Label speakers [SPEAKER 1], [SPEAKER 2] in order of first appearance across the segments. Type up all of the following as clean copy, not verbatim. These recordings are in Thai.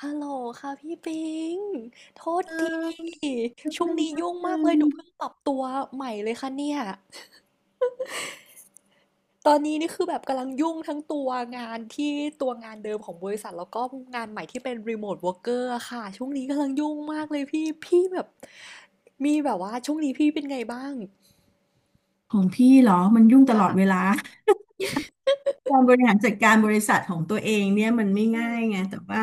[SPEAKER 1] ฮัลโหลค่ะพี่ปิง โทษที
[SPEAKER 2] แป๊บ
[SPEAKER 1] ช่ว
[SPEAKER 2] ห
[SPEAKER 1] ง
[SPEAKER 2] นึ่ง
[SPEAKER 1] นี้
[SPEAKER 2] แป๊บ
[SPEAKER 1] ยุ่ง
[SPEAKER 2] ห
[SPEAKER 1] มาก
[SPEAKER 2] นึ่
[SPEAKER 1] เล
[SPEAKER 2] ง
[SPEAKER 1] ยหนูเพิ่งปรับตัวใหม่เลยค่ะเนี่ยตอนนี้นี่คือแบบกำลังยุ่งทั้งตัวงานที่ตัวงานเดิมของบริษัทแล้วก็งานใหม่ที่เป็นรีโมทว o ร์กเกอร์ค่ะ ช่วงนี้กำลังยุ่งมากเลยพี่แบบมีแบบว่าช่วงนี้พี่เป็นไงบ้าง
[SPEAKER 2] ของพี่เหรอมันยุ่งตลอดเว
[SPEAKER 1] ค่ะ
[SPEAKER 2] ลา การบริหารจัดการบริษัทของตัวเองเนี่ยมันไม่
[SPEAKER 1] อื
[SPEAKER 2] ง่า
[SPEAKER 1] ม
[SPEAKER 2] ยไงแต่ว่า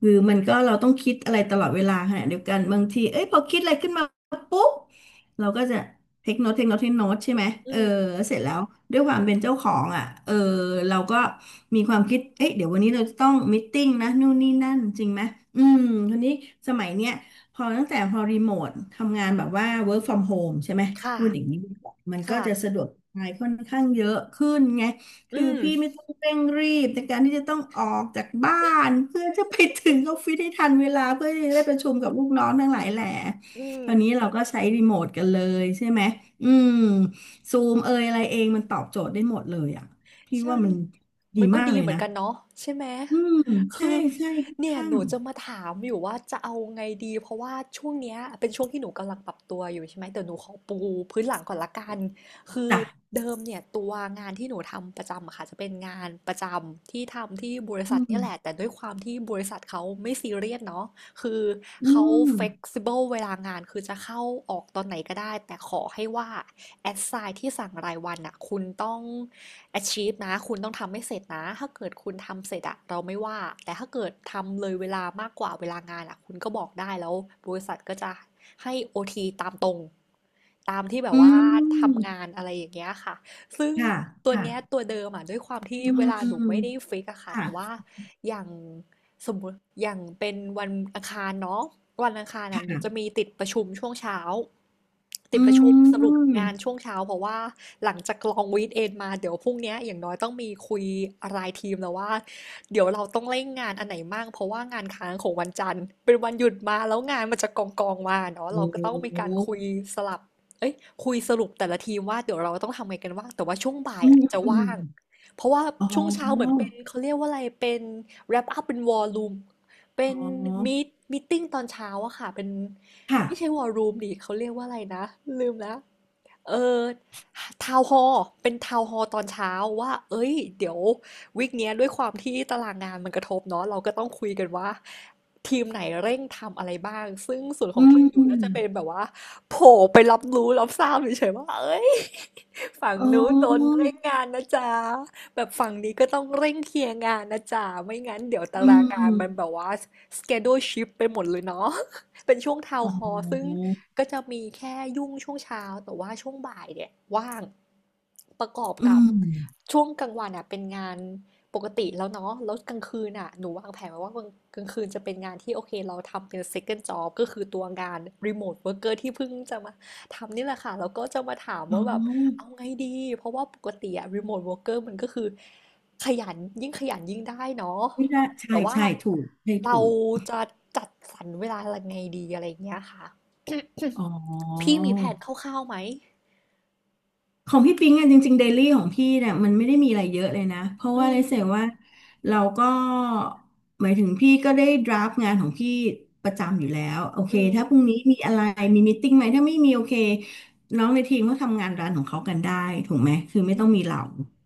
[SPEAKER 2] คือมันก็เราต้องคิดอะไรตลอดเวลาขณะเดียวกันบางทีเอ้ยพอคิดอะไรขึ้นมาปุ๊บเราก็จะเทคโนตเทคโนตเทคโนตใช่ไหม
[SPEAKER 1] อื
[SPEAKER 2] เออ
[SPEAKER 1] ม
[SPEAKER 2] เสร็จแล้วด้วยความเป็นเจ้าของอ่ะเออเราก็มีความคิดเอ้ยเดี๋ยววันนี้เราจะต้องมีตติ้งนะนู่นนี่นั่นจริงไหมอืมทีนี้สมัยเนี้ยพอตั้งแต่พอรีโมททำงานแบบว่า work from home ใช่ไหม
[SPEAKER 1] ค่ะ
[SPEAKER 2] พูดอย่างนี้ดีกว่ามันก็
[SPEAKER 1] ค่ะ
[SPEAKER 2] จะสะดวกสบายค่อนข้างเยอะขึ้นไง
[SPEAKER 1] อื
[SPEAKER 2] คือพี่ไม่
[SPEAKER 1] ม
[SPEAKER 2] ต้องเร่งรีบในการที่จะต้องออกจากบ้านเพื่อจะไปถึงออฟฟิศให้ทันเวลาเพื่อที่จะได้ประชุมกับลูกน้องทั้งหลายแหล่
[SPEAKER 1] อืม
[SPEAKER 2] ตอนนี้เราก็ใช้รีโมทกันเลยใช่ไหมอืมซูมเอยอะไรเองมันตอบโจทย์ได้หมดเลยอ่ะพี่
[SPEAKER 1] ใช่
[SPEAKER 2] ว่ามันดี
[SPEAKER 1] มันก็
[SPEAKER 2] มาก
[SPEAKER 1] ดี
[SPEAKER 2] เลย
[SPEAKER 1] เหมือน
[SPEAKER 2] นะ
[SPEAKER 1] กันเนาะใช่ไหม
[SPEAKER 2] อืมใช่
[SPEAKER 1] คือ
[SPEAKER 2] ใช่ค่อน
[SPEAKER 1] เนี่ย
[SPEAKER 2] ข้า
[SPEAKER 1] ห
[SPEAKER 2] ง
[SPEAKER 1] นูจะมาถามอยู่ว่าจะเอาไงดีเพราะว่าช่วงเนี้ยเป็นช่วงที่หนูกำลังปรับตัวอยู่ใช่ไหมแต่หนูขอปูพื้นหลังก่อนละกันคือ
[SPEAKER 2] จ้ะ
[SPEAKER 1] เดิมเนี่ยตัวงานที่หนูทำประจำอะค่ะจะเป็นงานประจำที่ทำที่บริ
[SPEAKER 2] อื
[SPEAKER 1] ษัทเนี่ย
[SPEAKER 2] ม
[SPEAKER 1] แหละแต่ด้วยความที่บริษัทเขาไม่ซีเรียสเนาะ คือ
[SPEAKER 2] อื
[SPEAKER 1] เขา
[SPEAKER 2] ม
[SPEAKER 1] flexible เวลางานคือจะเข้าออกตอนไหนก็ได้แต่ขอให้ว่า assign ที่สั่งรายวันอ่ะคุณต้อง achieve นะคุณต้องทำให้เสร็จนะถ้าเกิดคุณทำเสร็จอ่ะเราไม่ว่าแต่ถ้าเกิดทำเลยเวลามากกว่าเวลางานอ่ะคุณก็บอกได้แล้วบริษัทก็จะให้ OT ตามตรงตามที่แบบ
[SPEAKER 2] อื
[SPEAKER 1] ว่า
[SPEAKER 2] ม
[SPEAKER 1] ทำงานอะไรอย่างเงี้ยค่ะซึ่ง
[SPEAKER 2] ค่ะ
[SPEAKER 1] ตัว
[SPEAKER 2] ค่ะ
[SPEAKER 1] เนี้ยตัวเดิมอ่ะด้วยความที่
[SPEAKER 2] อื
[SPEAKER 1] เวลาหนูไม่
[SPEAKER 2] ม
[SPEAKER 1] ได้ฟิกอะค่ะแต่
[SPEAKER 2] ค่ะ
[SPEAKER 1] ว่าอย่าง สมมติอย่างเป็นวันอังคารเนาะวันอังคารอ่ะหนูจะ
[SPEAKER 2] ค่ะ
[SPEAKER 1] มีติดประชุมช่วงเช้าติด
[SPEAKER 2] อื
[SPEAKER 1] ประชุมสรุป
[SPEAKER 2] ม
[SPEAKER 1] งานช่วงเช้าเพราะว่าหลังจากลองวีคเอนมาเดี๋ยวพรุ่งเนี้ยอย่างน้อยต้องมีคุยรายทีมแล้วว่าเดี๋ยวเราต้องเร่งงานอันไหนมั่งเพราะว่างานค้างของวันจันทร์เป็นวันหยุดมาแล้วงานมันจะกองกองมาเนาะ
[SPEAKER 2] โอ
[SPEAKER 1] เราก็ต้องมีการ
[SPEAKER 2] ้
[SPEAKER 1] คุยสลับเอ้ยคุยสรุปแต่ละทีมว่าเดี๋ยวเราต้องทำไงกันบ้างแต่ว่าช่วงบ่าย
[SPEAKER 2] อื
[SPEAKER 1] อ่ะ
[SPEAKER 2] ม
[SPEAKER 1] จะว่าง เพราะว่า
[SPEAKER 2] อ๋อ
[SPEAKER 1] ช่วงเช้าเหมือนเป็นเขาเรียกว่าอะไรเป็น wrap up เป็น war room เป็
[SPEAKER 2] อ๋
[SPEAKER 1] น
[SPEAKER 2] อ
[SPEAKER 1] meet meeting ตอนเช้าอะค่ะเป็น
[SPEAKER 2] ค่ะ
[SPEAKER 1] ไม่ใช่ war room ดิเขาเรียกว่าอะไรนะลืมแล้ว เออทาวน์ฮอลล์เป็นทาวน์ฮอลล์ตอนเช้าว่าเอ้ยเดี๋ยววีคเนี้ยด้วยความที่ตารางงานมันกระทบเนาะเราก็ต้องคุยกันว่าทีมไหนเร่งทำอะไรบ้างซึ่งส่วนขอ
[SPEAKER 2] อื
[SPEAKER 1] งทีมหนูน่าจะเป็น
[SPEAKER 2] ม
[SPEAKER 1] แบบว่าโผล่ไปรับรู้รับทราบเฉยๆว่าเอ้ย ฝั่ง
[SPEAKER 2] อ๋
[SPEAKER 1] นู้นโดน
[SPEAKER 2] อ
[SPEAKER 1] เร่งงานนะจ๊ะแบบฝั่งนี้ก็ต้องเร่งเคลียร์งานนะจ๊ะไม่งั้นเดี๋ยวตา
[SPEAKER 2] อื
[SPEAKER 1] รางงานมันแบ
[SPEAKER 2] ม
[SPEAKER 1] บว่า schedule shift ไปหมดเลยเนาะ เป็นช่วงทาว
[SPEAKER 2] อ๋
[SPEAKER 1] น์ฮอ
[SPEAKER 2] อ
[SPEAKER 1] ลล์ซึ่ง ก็จะมีแค่ยุ่งช่วงเช้าแต่ว่าช่วงบ่ายเนี่ยว่างประกอบ
[SPEAKER 2] อื
[SPEAKER 1] กับ
[SPEAKER 2] ม
[SPEAKER 1] ช่วงกลางวันอ่ะเป็นงานปกติแล้วเนาะแล้วกลางคืนอ่ะหนูวางแผนไว้ว่ากลางคืนจะเป็นงานที่โอเคเราทำเป็น second job ก็คือตัวงาน remote worker ที่เพิ่งจะมาทำนี่แหละค่ะแล้วก็จะมาถาม
[SPEAKER 2] อ๋อ
[SPEAKER 1] ว่าแบบเอาไงดีเพราะว่าปกติอะ remote worker มันก็คือขยันยิ่งขยันยิ่งได้เนาะ
[SPEAKER 2] ไม่ได้ใช่
[SPEAKER 1] แต่ว่า
[SPEAKER 2] ใช่ถูกใช่
[SPEAKER 1] เรา
[SPEAKER 2] ถูก
[SPEAKER 1] จะจัดสรรเวลายังไงดีอะไรอย่างเงี้ยค่ะ
[SPEAKER 2] อ๋
[SPEAKER 1] พี่
[SPEAKER 2] อ
[SPEAKER 1] มีแพลนคร่าวๆไหม
[SPEAKER 2] ของพี่ปิงอ่ะจริงๆเดลี่ของพี่เนี่ยมันไม่ได้มีอะไรเยอะเลยนะเพราะ
[SPEAKER 1] อื
[SPEAKER 2] ว่าเลยเสีย
[SPEAKER 1] ม
[SPEAKER 2] ว่าเราก็หมายถึงพี่ก็ได้ดราฟงานของพี่ประจำอยู่แล้วโอเค
[SPEAKER 1] อื
[SPEAKER 2] ถ้าพ
[SPEAKER 1] ม
[SPEAKER 2] รุ่งนี้มีอะไรมีมีตติ้งไหมถ้าไม่มีโอเคน้องในทีมก็ทำงานร้านของเขากันได้ถูกไหมคือไม่
[SPEAKER 1] อื
[SPEAKER 2] ต้อง
[SPEAKER 1] ม
[SPEAKER 2] มีเรา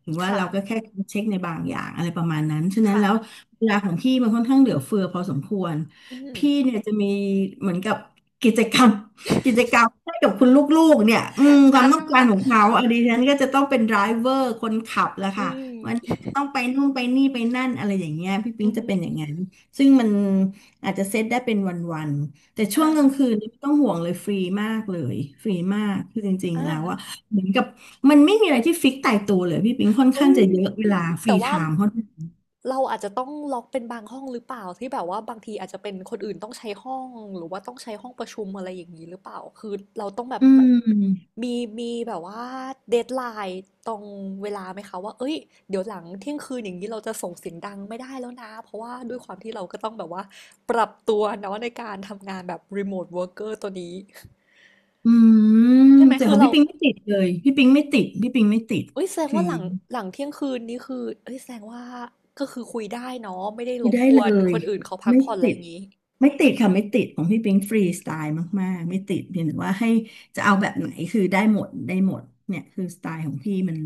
[SPEAKER 2] ถึงว่า
[SPEAKER 1] ค่ะ
[SPEAKER 2] เราก็แค่เช็คในบางอย่างอะไรประมาณนั้นฉะนั้นแล้ว
[SPEAKER 1] ค่ะ
[SPEAKER 2] เวลาของพี่มันค่อนข้างเหลือเฟือพอสมควร
[SPEAKER 1] อืม
[SPEAKER 2] พี่เนี่ยจะมีเหมือนกับกิจกรรม กิจกรรมให้กับคุณลูกๆเนี่ยอืมความต้องการ
[SPEAKER 1] อา
[SPEAKER 2] ของเขาอะดิฉันก็จะต้องเป็นไดรเวอร์คนขับแหละ
[SPEAKER 1] อื
[SPEAKER 2] ค่ะวัน
[SPEAKER 1] ม
[SPEAKER 2] นี้จะต้องไปนู่นไปนี่ไปนั่นอะไรอย่างเงี้ยพี่ปิ๊
[SPEAKER 1] อื
[SPEAKER 2] ง
[SPEAKER 1] ม
[SPEAKER 2] จะเป็นอย่างนั้นซึ่งมันอาจจะเซตได้เป็นวันๆแต่ช่ว
[SPEAKER 1] อา
[SPEAKER 2] งกลางคืนนี่ไม่ต้องห่วงเลยฟรีมากเลยฟรีมากคือจริง
[SPEAKER 1] อ่า
[SPEAKER 2] ๆแล้วอะเหมือนกับมันไม่มีอะไรที่ฟิกตายตัวเลยพี่ปิ๊งค่อนข้า
[SPEAKER 1] เอ้
[SPEAKER 2] ง
[SPEAKER 1] ย
[SPEAKER 2] จะเยอะเวลาฟรี
[SPEAKER 1] แต่
[SPEAKER 2] ไท
[SPEAKER 1] ว่า
[SPEAKER 2] ม์เขา
[SPEAKER 1] เราอาจจะต้องล็อกเป็นบางห้องหรือเปล่าที่แบบว่าบางทีอาจจะเป็นคนอื่นต้องใช้ห้องหรือว่าต้องใช้ห้องประชุมอะไรอย่างนี้หรือเปล่าคือเราต้องแบบ
[SPEAKER 2] อืม
[SPEAKER 1] มีมีแบบว่าเดดไลน์ตรงเวลาไหมคะว่าเอ้ยเดี๋ยวหลังเที่ยงคืนอย่างนี้เราจะส่งเสียงดังไม่ได้แล้วนะเพราะว่าด้วยความที่เราก็ต้องแบบว่าปรับตัวเนาะในการทำงานแบบรีโมทเวิร์กเกอร์ตัวนี้
[SPEAKER 2] อืม
[SPEAKER 1] ใช่ไหม
[SPEAKER 2] แต่
[SPEAKER 1] คื
[SPEAKER 2] ขอ
[SPEAKER 1] อ
[SPEAKER 2] ง
[SPEAKER 1] เรา
[SPEAKER 2] พี่ปิงไม่ติดเลยพี่ปิงไม่ติดพี่ปิงไม่ติด
[SPEAKER 1] เอ้ยแสดง
[SPEAKER 2] คือ
[SPEAKER 1] ว่าหลังเที่ยงคืนนี่คือเอ้ยแสดงว่าก็คือคุยได้เนาะไม่ได้ร
[SPEAKER 2] ไม่
[SPEAKER 1] บ
[SPEAKER 2] ได้
[SPEAKER 1] ก
[SPEAKER 2] เล
[SPEAKER 1] วน
[SPEAKER 2] ย
[SPEAKER 1] คนอื่นเขาพัก
[SPEAKER 2] ไม่
[SPEAKER 1] ผ่อนอะไร
[SPEAKER 2] ติ
[SPEAKER 1] อ
[SPEAKER 2] ด
[SPEAKER 1] ย่างงี้
[SPEAKER 2] ไม่ติดค่ะไม่ติดของพี่ปิงฟรีสไตล์มากๆไม่ติดเพียงแต่ว่าให้จะเอาแบบไหนคือได้หมดได้หมดเนี่ยคือสไตล์ของพี่มัน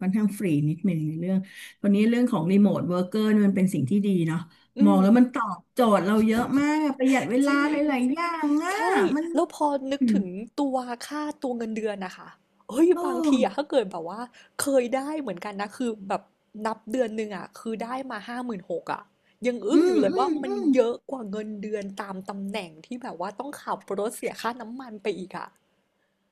[SPEAKER 2] ค่อนข้างฟรีนิดนึงในเรื่องวันนี้เรื่องของรีโมทเวิร์กเกอร์มันเป็นสิ่งที่ดีเนาะ
[SPEAKER 1] อื
[SPEAKER 2] มองแล้วมัน
[SPEAKER 1] ม
[SPEAKER 2] ตอบโจทย์เราเยอะมากประหยัดเว
[SPEAKER 1] จ
[SPEAKER 2] ลา
[SPEAKER 1] ริ
[SPEAKER 2] ห
[SPEAKER 1] ง
[SPEAKER 2] ลายๆอย่างอ่ะ
[SPEAKER 1] ใช่
[SPEAKER 2] มัน
[SPEAKER 1] แล้วพอนึก
[SPEAKER 2] อืม
[SPEAKER 1] ถึงตัวค่าตัวเงินเดือนนะคะเฮ้ย
[SPEAKER 2] โอ้
[SPEAKER 1] บางทีอะถ้าเกิดแบบว่าเคยได้เหมือนกันนะคือแบบนับเดือนหนึ่งอะคือได้มา56,000อะยังอึ้ง
[SPEAKER 2] อื
[SPEAKER 1] อยู่
[SPEAKER 2] ม
[SPEAKER 1] เลย
[SPEAKER 2] อื
[SPEAKER 1] ว่า
[SPEAKER 2] ม
[SPEAKER 1] มั
[SPEAKER 2] อื
[SPEAKER 1] น
[SPEAKER 2] ม
[SPEAKER 1] เยอะกว่าเงินเดือนตามตำแหน่งที่แบบว่าต้องขับรถเสียค่าน้ำมันไปอีกอะ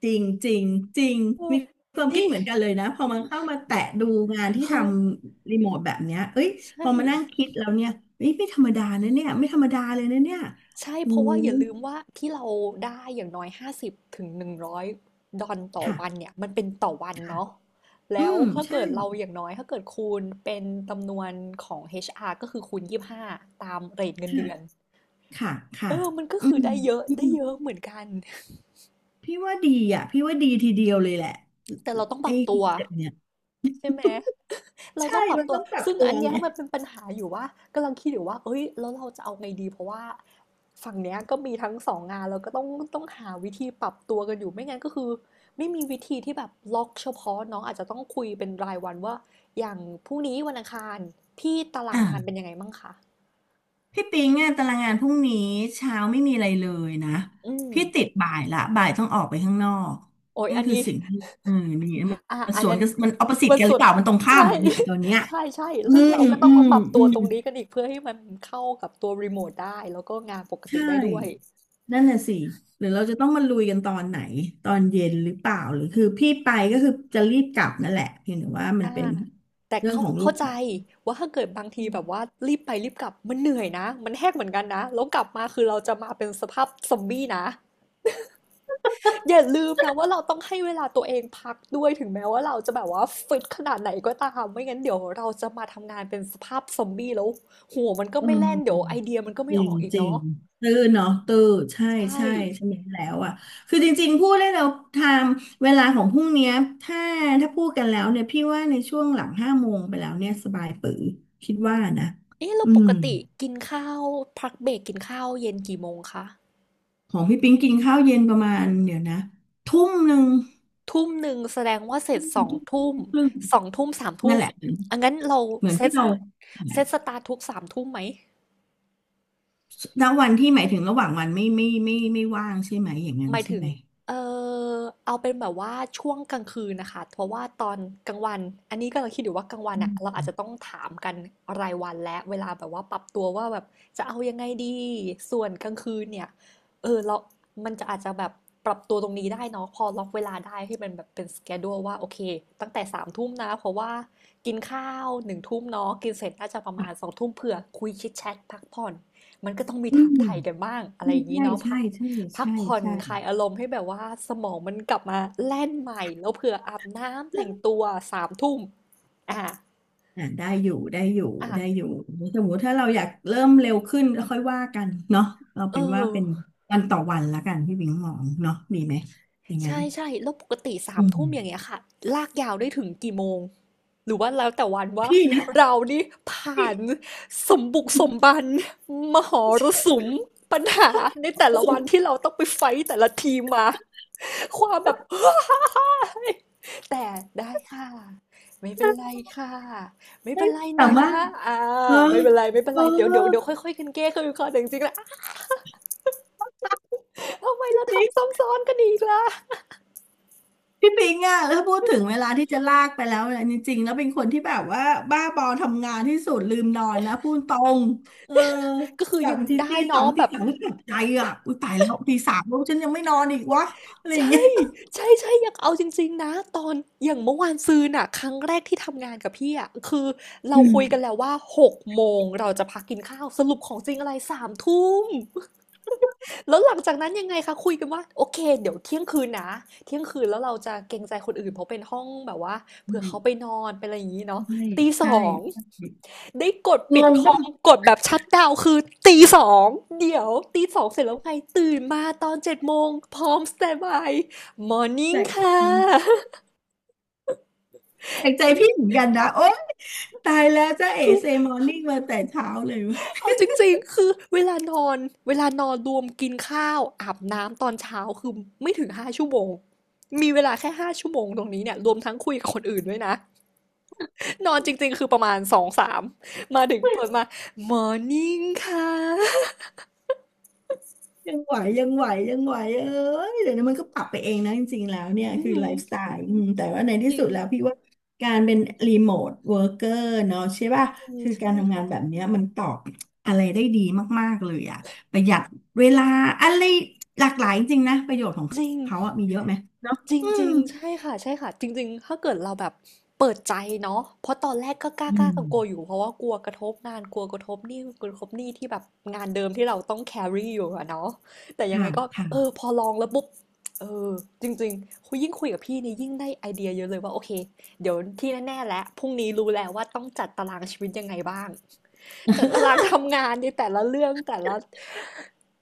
[SPEAKER 2] จริงจริงจริง
[SPEAKER 1] เออ
[SPEAKER 2] มีความคิด
[SPEAKER 1] นี่
[SPEAKER 2] เหมือนกันเลยนะพอมันเข้ามาแตะดูงานที่ท
[SPEAKER 1] คือ
[SPEAKER 2] ำรีโมทแบบเนี้ยเอ้ยพ
[SPEAKER 1] ใช่
[SPEAKER 2] อมานั่งคิดแล้วเนี่ยเอ้ยไม่ธรรมดานะเนี่ยไม่ธรรมดาเลยนะเนี่ย
[SPEAKER 1] ใช่
[SPEAKER 2] อื
[SPEAKER 1] เพราะว่า
[SPEAKER 2] ม
[SPEAKER 1] อย่าลืมว่าที่เราได้อย่างน้อยห้าสิบถึงหนึ่งร้อยดอลต่อ
[SPEAKER 2] ค่ะ
[SPEAKER 1] วันเนี่ยมันเป็นต่อวัน
[SPEAKER 2] ค่ะ
[SPEAKER 1] เนาะ
[SPEAKER 2] อื
[SPEAKER 1] แล้ว
[SPEAKER 2] ม
[SPEAKER 1] ถ้า
[SPEAKER 2] ใช่
[SPEAKER 1] เกิดเราอย่างน้อยถ้าเกิดคูณเป็นจำนวนของ HR ก็คือคูณยี่สิบห้าตามเรทเงิน
[SPEAKER 2] ค่ะ
[SPEAKER 1] เดือน
[SPEAKER 2] ค่ะค่ะ
[SPEAKER 1] เออมันก็
[SPEAKER 2] อื
[SPEAKER 1] คือ
[SPEAKER 2] ม
[SPEAKER 1] ได้เยอะ
[SPEAKER 2] อื
[SPEAKER 1] ได้
[SPEAKER 2] ม
[SPEAKER 1] เยอะเหมือนกัน
[SPEAKER 2] พี่ว่าดีอ่ะพี่ว่าดีทีเดียวเลยแหละ
[SPEAKER 1] แต่เราต้องป
[SPEAKER 2] ไอ้
[SPEAKER 1] รับ
[SPEAKER 2] คอ
[SPEAKER 1] ตัว
[SPEAKER 2] นเซ็ปต์เนี่ย
[SPEAKER 1] ใช่ไหม เรา
[SPEAKER 2] ใช่
[SPEAKER 1] ต้องปรับ
[SPEAKER 2] มัน
[SPEAKER 1] ตัว
[SPEAKER 2] ต้องปรับ
[SPEAKER 1] ซึ่ง
[SPEAKER 2] ตั
[SPEAKER 1] อั
[SPEAKER 2] ว
[SPEAKER 1] นเนี้
[SPEAKER 2] ไง
[SPEAKER 1] ยมันเป็นปัญหาอยู่ว่ากำลังคิดอยู่ว่าเอ้ยแล้วเราจะเอาไงดีเพราะว่าฝั่งเนี้ยก็มีทั้งสองงานแล้วก็ต้องหาวิธีปรับตัวกันอยู่ไม่งั้นก็คือไม่มีวิธีที่แบบล็อกเฉพาะเน้องอาจจะต้องคุยเป็นรายวันว่าอย่างพรุ่งนี้วันอังคารพี่ตารางงานเป็น
[SPEAKER 2] อ่า
[SPEAKER 1] ยังไงบ้างคะ
[SPEAKER 2] พี่ปิงอะตารางงานพรุ่งนี้เช้าไม่มีอะไรเลยนะ
[SPEAKER 1] อืม
[SPEAKER 2] พี่ติดบ่ายละบ่ายต้องออกไปข้างนอก
[SPEAKER 1] โอ้ย
[SPEAKER 2] นั่น
[SPEAKER 1] อัน
[SPEAKER 2] คือ
[SPEAKER 1] นี้
[SPEAKER 2] สิ่งที่เออมีมัน
[SPEAKER 1] อ่ะ
[SPEAKER 2] มัน
[SPEAKER 1] อั
[SPEAKER 2] ส
[SPEAKER 1] น
[SPEAKER 2] วน
[SPEAKER 1] นั้น
[SPEAKER 2] กันมันออปสิต
[SPEAKER 1] มัน
[SPEAKER 2] กันหรื
[SPEAKER 1] สุ
[SPEAKER 2] อ
[SPEAKER 1] ด
[SPEAKER 2] เปล่ามันตรงข้าม
[SPEAKER 1] ใช่
[SPEAKER 2] เลยเนี่ย ตอนเนี้ย
[SPEAKER 1] ใช่ใช่
[SPEAKER 2] อื
[SPEAKER 1] ซึ่ง
[SPEAKER 2] ม
[SPEAKER 1] เราก็ต้อ
[SPEAKER 2] อื
[SPEAKER 1] งมา
[SPEAKER 2] ม
[SPEAKER 1] ปรับตั
[SPEAKER 2] อื
[SPEAKER 1] ว
[SPEAKER 2] ม
[SPEAKER 1] ตรงนี้กันอีกเพื่อให้มันเข้ากับตัวรีโมทได้แล้วก็งานปกติ
[SPEAKER 2] ใช่
[SPEAKER 1] ได้ด้วย
[SPEAKER 2] นั่นน่ะสิหรือเราจะต้องมาลุยกันตอนไหนตอนเย็นหรือเปล่าหรือคือพี่ไปก็คือจะรีบกลับนั่นแหละเพียงแต่ว่ามัน
[SPEAKER 1] อ่า
[SPEAKER 2] เป็น
[SPEAKER 1] แต่
[SPEAKER 2] เรื่อง
[SPEAKER 1] เข้า
[SPEAKER 2] ของลู
[SPEAKER 1] เข้า
[SPEAKER 2] ก
[SPEAKER 1] ใจ
[SPEAKER 2] สาว
[SPEAKER 1] ว่าถ้าเกิดบางที
[SPEAKER 2] อื
[SPEAKER 1] แบบว่า
[SPEAKER 2] ม
[SPEAKER 1] รีบไปรีบกลับมันเหนื่อยนะมันแหกเหมือนกันนะ แล้วกลับมาคือเราจะมาเป็นสภาพซอมบี้นะอย่าลืมนะว่าเราต้องให้เวลาตัวเองพักด้วยถึงแม้ว่าเราจะแบบว่าฟิตขนาดไหนก็ตามไม่งั้นเดี๋ยวเราจะมาทำงานเป็นสภาพซอมบี้แล้วหัวมันก็
[SPEAKER 2] เออ
[SPEAKER 1] ไม่แล่นเดี๋ยวไอเดียมันก็
[SPEAKER 2] จ
[SPEAKER 1] ไม่
[SPEAKER 2] ริ
[SPEAKER 1] อ
[SPEAKER 2] ง
[SPEAKER 1] อกอีก
[SPEAKER 2] จริง
[SPEAKER 1] เนาะ
[SPEAKER 2] ตื้อเนาะตื้อใช่
[SPEAKER 1] ใช่
[SPEAKER 2] ใช่ใช่ไหมแล้วอ่ะคือจริงๆพูดได้แล้วไทม์เวลาของพรุ่งเนี้ยถ้าถ้าพูดกันแล้วเนี่ยพี่ว่าในช่วงหลังห้าโมงไปแล้วเนี่ยสบายปือคิดว่านะ
[SPEAKER 1] เอ๊ะเรา
[SPEAKER 2] อื
[SPEAKER 1] ป
[SPEAKER 2] ม
[SPEAKER 1] กติกินข้าวพักเบรกกินข้าวเย็นกี่โมงคะ
[SPEAKER 2] ของพี่ปิ๊งกินข้าวเย็นประมาณเดี๋ยวนะทุ่มหนึ่ง
[SPEAKER 1] ทุ่มหนึ่งแสดงว่าเส
[SPEAKER 2] ท
[SPEAKER 1] ร็จสองทุ่ม
[SPEAKER 2] ุ่มครึ่ง
[SPEAKER 1] สองทุ่มสามทุ่
[SPEAKER 2] นั่
[SPEAKER 1] ม
[SPEAKER 2] นแหละ
[SPEAKER 1] อันงั้นเรา
[SPEAKER 2] เหมือน
[SPEAKER 1] เซ
[SPEAKER 2] ที่
[SPEAKER 1] ต
[SPEAKER 2] เรา
[SPEAKER 1] เซตสตาร์ททุกสามทุ่มไหม
[SPEAKER 2] ณวันที่หมายถึงระหว่างวันไม่ว่างใช่ไหมอย่างนั้
[SPEAKER 1] ห
[SPEAKER 2] น
[SPEAKER 1] มาย
[SPEAKER 2] ใช่
[SPEAKER 1] ถึง
[SPEAKER 2] ไหม
[SPEAKER 1] เอ่อเอาเป็นแบบว่าช่วงกลางคืนนะคะเพราะว่าตอนกลางวันอันนี้ก็เราคิดอยู่ว่ากลางวัน
[SPEAKER 2] อื
[SPEAKER 1] อ่ะเรา
[SPEAKER 2] ม
[SPEAKER 1] อาจจะต้องถามกันรายวันและเวลาแบบว่าปรับตัวว่าแบบจะเอายังไงดีส่วนกลางคืนเนี่ยเออเรามันจะอาจจะแบบปรับตัวตรงนี้ได้เนาะพอล็อกเวลาได้ให้มันแบบเป็นสเ h e ู u ว่าโอเคตั้งแต่สามทุ่มนะเพราะว่ากินข้าวหนึ่งทุ่มเนาะกินเสร็จน่าจะประมาณสองทุ่มเผื่อคุยชิดแชทพักผ่อนมันก็ต้องมี
[SPEAKER 2] อื
[SPEAKER 1] ถาม
[SPEAKER 2] ม
[SPEAKER 1] ไถ่กันบ้างอะไรอย่างนี้
[SPEAKER 2] ใช่
[SPEAKER 1] เนาะพั
[SPEAKER 2] ใช่
[SPEAKER 1] ก
[SPEAKER 2] ใช่
[SPEAKER 1] พัก
[SPEAKER 2] ใช่
[SPEAKER 1] ผ่อน
[SPEAKER 2] ใช่
[SPEAKER 1] คลายอารมณ์ให้แบบว่าสมองมันกลับมาแล่นใหม่แล้วเผื่ออาบน้ำ
[SPEAKER 2] ใช่
[SPEAKER 1] แต่งตัวสามทุ่มอ่ะ
[SPEAKER 2] อ่าได้อยู่ได้อยู่
[SPEAKER 1] อ่ะ
[SPEAKER 2] ได้อยู่สมมติถ้าเราอยากเริ่มเร็วขึ้นก็ค่อยว่ากันเนาะเรา
[SPEAKER 1] เอ
[SPEAKER 2] เป็นว่า
[SPEAKER 1] อ
[SPEAKER 2] เป็นวันต่อวันละกันพี่บิงมองเนาะดีไหมอย่างนั้น
[SPEAKER 1] ใช่ๆแล้วปกติ
[SPEAKER 2] อื
[SPEAKER 1] 3ทุ่มอย่าง
[SPEAKER 2] ม
[SPEAKER 1] เงี้ยค่ะลากยาวได้ถึงกี่โมง หรือว่าแล้วแต่วันว่า
[SPEAKER 2] พี่นะ
[SPEAKER 1] เรานี่ผ่านสมบุกสมบันมหรสุมปัญหาในแต่ละวันที่เราต้องไปไฟต์แต่ละทีมมาความแบบ แต่ได้ค่ะไม่เป็นไรค่ะไม่เป็
[SPEAKER 2] ไม่
[SPEAKER 1] นไร
[SPEAKER 2] สา
[SPEAKER 1] นะ
[SPEAKER 2] มารถ
[SPEAKER 1] อา
[SPEAKER 2] เออ
[SPEAKER 1] ไม่เป็นไรๆเป็น
[SPEAKER 2] เออ
[SPEAKER 1] ไรเดี๋ยวเดี๋ยวเดี๋ยวค่อยๆกันแก้คือคแต่จริงๆแล้วอ้าวทำไมเราทำ
[SPEAKER 2] พี่
[SPEAKER 1] ซ้ำซ้อนกันอีกล่ะ
[SPEAKER 2] พี่ปิงอะแล้วพูดถึงเวลาที่จะลากไปแล้วเนี่ยจริงๆแล้วเป็นคนที่แบบว่าบ้าบอทำงานที่สุดลืมนอนนะพูดตรงเออ
[SPEAKER 1] ก็คือ
[SPEAKER 2] อย่าง
[SPEAKER 1] ยัง
[SPEAKER 2] บางที
[SPEAKER 1] ได้
[SPEAKER 2] ตีสอ
[SPEAKER 1] เนาะ
[SPEAKER 2] ง
[SPEAKER 1] แบ
[SPEAKER 2] ตี
[SPEAKER 1] บ
[SPEAKER 2] สามก็ตกใจอ่ะอุ้ยตายแล้วตีสามแล้วฉันยังไม่นอนอีกวะอะไรอย่าง
[SPEAKER 1] ใช่
[SPEAKER 2] เงี้ย
[SPEAKER 1] ใช่ๆอยากเอาจริงๆนะ ตอนอย่างเมื่อวานซืนน่ะครั้งแรกที่ทำงานกับพี่อะคือ เรา
[SPEAKER 2] อืม
[SPEAKER 1] คุยกันแล้วว่า6โมงเราจะพักกินข้าว สรุปของจริงอะไร3ทุ่มแล้วหลังจากนั้นยังไงคะคุยกันว่า โอเคเดี๋ยวเที่ยงคืนนะ เที่ยงคืนแล้วเราจะเกรงใจคนอื่นเพราะเป็นห้องแบบว่าเผื่อเขาไปนอนเป็นอะไรอย่างงี้เนาะ
[SPEAKER 2] ใช่
[SPEAKER 1] ตี
[SPEAKER 2] ใช่
[SPEAKER 1] 2 ได้กดปิ
[SPEAKER 2] ง
[SPEAKER 1] ด
[SPEAKER 2] ง
[SPEAKER 1] คอ
[SPEAKER 2] ป่ะ
[SPEAKER 1] มกดแบบชัตดาวน์คือตีสองเดี๋ยวตีสองเสร็จแล้วไงตื่นมาตอนเจ็ดโมงพร้อมสแตนด์บายมอร์นิ่
[SPEAKER 2] แป
[SPEAKER 1] ง
[SPEAKER 2] ลก
[SPEAKER 1] ค่ะ
[SPEAKER 2] แปลกใจพี่เหมื อนกันนะโอ๊ยตายแล้วจ้าเอ๋
[SPEAKER 1] คือ
[SPEAKER 2] เซมอร์นิ่งมาแต่เช้าเลยย
[SPEAKER 1] เอาจริงๆคือเวลานอนเวลานอนรวมกินข้าวอาบน้ำตอนเช้าคือไม่ถึงห้าชั่วโมงมีเวลาแค่ห้าชั่วโมงตรงนี้เนี่ยรวมทั้งคุยกับคนอื่นด้วยนะนอนจริงๆคือประมาณสองสามมาถึงเปิดมามอร์นิ่งค่ะ
[SPEAKER 2] ยังไหวยังไหวยังไหวเอ้ยเดี๋ยวนี้มันก็ปรับไปเองนะจริงๆแล้วเนี่ย
[SPEAKER 1] อื
[SPEAKER 2] คือ
[SPEAKER 1] ม
[SPEAKER 2] ไลฟ์สไตล์อืมแต่ว่าใน
[SPEAKER 1] จ
[SPEAKER 2] ที่
[SPEAKER 1] ริ
[SPEAKER 2] สุ
[SPEAKER 1] ง
[SPEAKER 2] ดแล้วพี่ว่าการเป็นรีโมทเวิร์กเกอร์เนาะใช่
[SPEAKER 1] อื
[SPEAKER 2] ป่ะ
[SPEAKER 1] ม
[SPEAKER 2] คือ
[SPEAKER 1] ใช่
[SPEAKER 2] การทำงาน
[SPEAKER 1] ค่ะ
[SPEAKER 2] แบบเนี้ยมันตอบอะไรได้ดีมากๆเลยอะประหยัดเวลาอะไรหลากหลายจริงๆนะประโยชน์ของ
[SPEAKER 1] จริง
[SPEAKER 2] เขาอะมีเยอะไหมเนาะ
[SPEAKER 1] จริง
[SPEAKER 2] อื
[SPEAKER 1] จ
[SPEAKER 2] ม
[SPEAKER 1] ริงใช่ค่ะใช่ค่ะจริงๆถ้าเกิดเราแบบเปิดใจเนาะเพราะตอนแรกก็กล้า
[SPEAKER 2] อื
[SPEAKER 1] กลากลัวๆอ
[SPEAKER 2] ม
[SPEAKER 1] ยู่เพราะว่ากลัวกระทบงานกลัวกระทบหนี่ที่แบบงานเดิมที่เราต้อง c a รี่อยู่อะเนาะแต่ยังไง
[SPEAKER 2] ค่ะ
[SPEAKER 1] ก็เออ
[SPEAKER 2] ค่ะ
[SPEAKER 1] พอลองแล้วปุ๊บเออจริงๆคุยยิ่งคุยกับพี่นี่ยิ่งได้ไอเดียเยอะเลยว่าโอเคเดี๋ยวที่แน่ๆแล้วพรุ่งนี้รู้แล้วว่าต้องจัดตารางชีวิตยังไงบ้าง จัดตารางทำงานในแต่ละเรื่องแต่ละ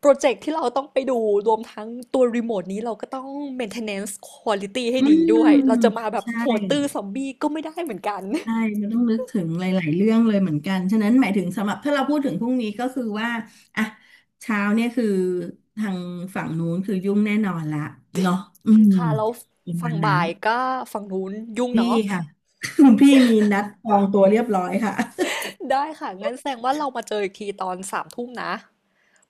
[SPEAKER 1] โปรเจกต์ที่เราต้องไปดูรวมทั้งตัวรีโมทนี้เราก็ต้อง maintenance quality ให้
[SPEAKER 2] อื
[SPEAKER 1] ดีด้วยเรา
[SPEAKER 2] ม
[SPEAKER 1] จะมาแบบ
[SPEAKER 2] ใช่
[SPEAKER 1] หัวตื้อซอมบี้ก็ไม่ได้เหมือนกัน
[SPEAKER 2] ใช่มันต้องนึกถึงหลายๆเรื่องเลยเหมือนกันฉะนั้นหมายถึงสำหรับถ้าเราพูดถึงพรุ่งนี้ก็คือว่าอ่ะเช้าเนี่ยคือทางฝั่งนู้นคือยุ่งแน่นอนละเนาะอืม
[SPEAKER 1] ค่ะแล้ว
[SPEAKER 2] ประ
[SPEAKER 1] ฝั่
[SPEAKER 2] มา
[SPEAKER 1] ง
[SPEAKER 2] ณนั้
[SPEAKER 1] บ่า
[SPEAKER 2] น
[SPEAKER 1] ยก็ฝั่งนู้นยุ่ง
[SPEAKER 2] พี่
[SPEAKER 1] เนาะ
[SPEAKER 2] ค่ะ คุณพี่มีนัดจองตัวเรียบร้อยค่ะ
[SPEAKER 1] ได้ค่ะงั้นแสดงว่าเรามาเจออีกทีตอนสามทุ่มนะ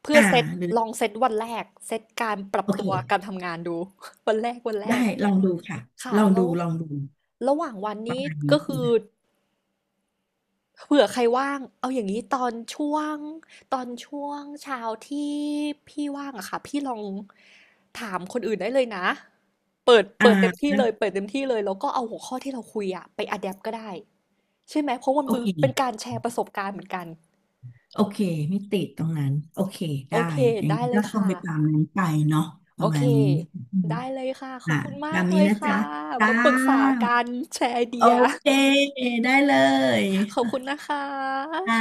[SPEAKER 1] เพื่อ
[SPEAKER 2] อ่า
[SPEAKER 1] เซต
[SPEAKER 2] หรือ
[SPEAKER 1] ลองเซตวันแรกเซตการปรับ
[SPEAKER 2] โอเค
[SPEAKER 1] ตัวการทำงานดู วันแรกวันแร
[SPEAKER 2] ได้
[SPEAKER 1] ก
[SPEAKER 2] ลองดูค่ะ
[SPEAKER 1] ค่ะ
[SPEAKER 2] ลอง
[SPEAKER 1] แล้
[SPEAKER 2] ดู
[SPEAKER 1] ว
[SPEAKER 2] ลองดู
[SPEAKER 1] ระหว่างวัน
[SPEAKER 2] ประ
[SPEAKER 1] นี้
[SPEAKER 2] มาณนี้
[SPEAKER 1] ก็คือ
[SPEAKER 2] นะ
[SPEAKER 1] เผื่อใครว่างเอาอย่างนี้ตอนช่วงเช้าที่พี่ว่างอะค่ะพี่ลองถามคนอื่นได้เลยนะเปิด
[SPEAKER 2] อ่
[SPEAKER 1] เปิดเต็มที่
[SPEAKER 2] า
[SPEAKER 1] เลยเปิดเต็มที่เลยแล้วก็เอาหัวข้อที่เราคุยอะไปอะแดปก็ได้ใช่ไหมเพราะมัน
[SPEAKER 2] โอ
[SPEAKER 1] มือ
[SPEAKER 2] เค
[SPEAKER 1] เป็นการแชร์ประสบการณ์เหมือนกัน
[SPEAKER 2] โอเคไม่ติดตรงนั้นโอเค
[SPEAKER 1] โอ
[SPEAKER 2] ได้
[SPEAKER 1] เค
[SPEAKER 2] อย่าง
[SPEAKER 1] ได้
[SPEAKER 2] นี้
[SPEAKER 1] เล
[SPEAKER 2] ก็
[SPEAKER 1] ย
[SPEAKER 2] ต้อง
[SPEAKER 1] ค่ะ
[SPEAKER 2] ไปตามนั้นไปเนาะป
[SPEAKER 1] โอ
[SPEAKER 2] ระ
[SPEAKER 1] เค
[SPEAKER 2] มาณนี้อืม
[SPEAKER 1] ได้เลยค่ะขอ
[SPEAKER 2] อ่ะ
[SPEAKER 1] บคุณมา
[SPEAKER 2] ตา
[SPEAKER 1] ก
[SPEAKER 2] ม
[SPEAKER 1] เล
[SPEAKER 2] นี้
[SPEAKER 1] ย
[SPEAKER 2] นะ
[SPEAKER 1] ค่ะ
[SPEAKER 2] จ๊ะจ้า
[SPEAKER 1] มาปรึกษากันแชร์ไอ
[SPEAKER 2] โอ
[SPEAKER 1] เดีย
[SPEAKER 2] เคได้เลย
[SPEAKER 1] ขอบคุณนะคะ
[SPEAKER 2] อ่า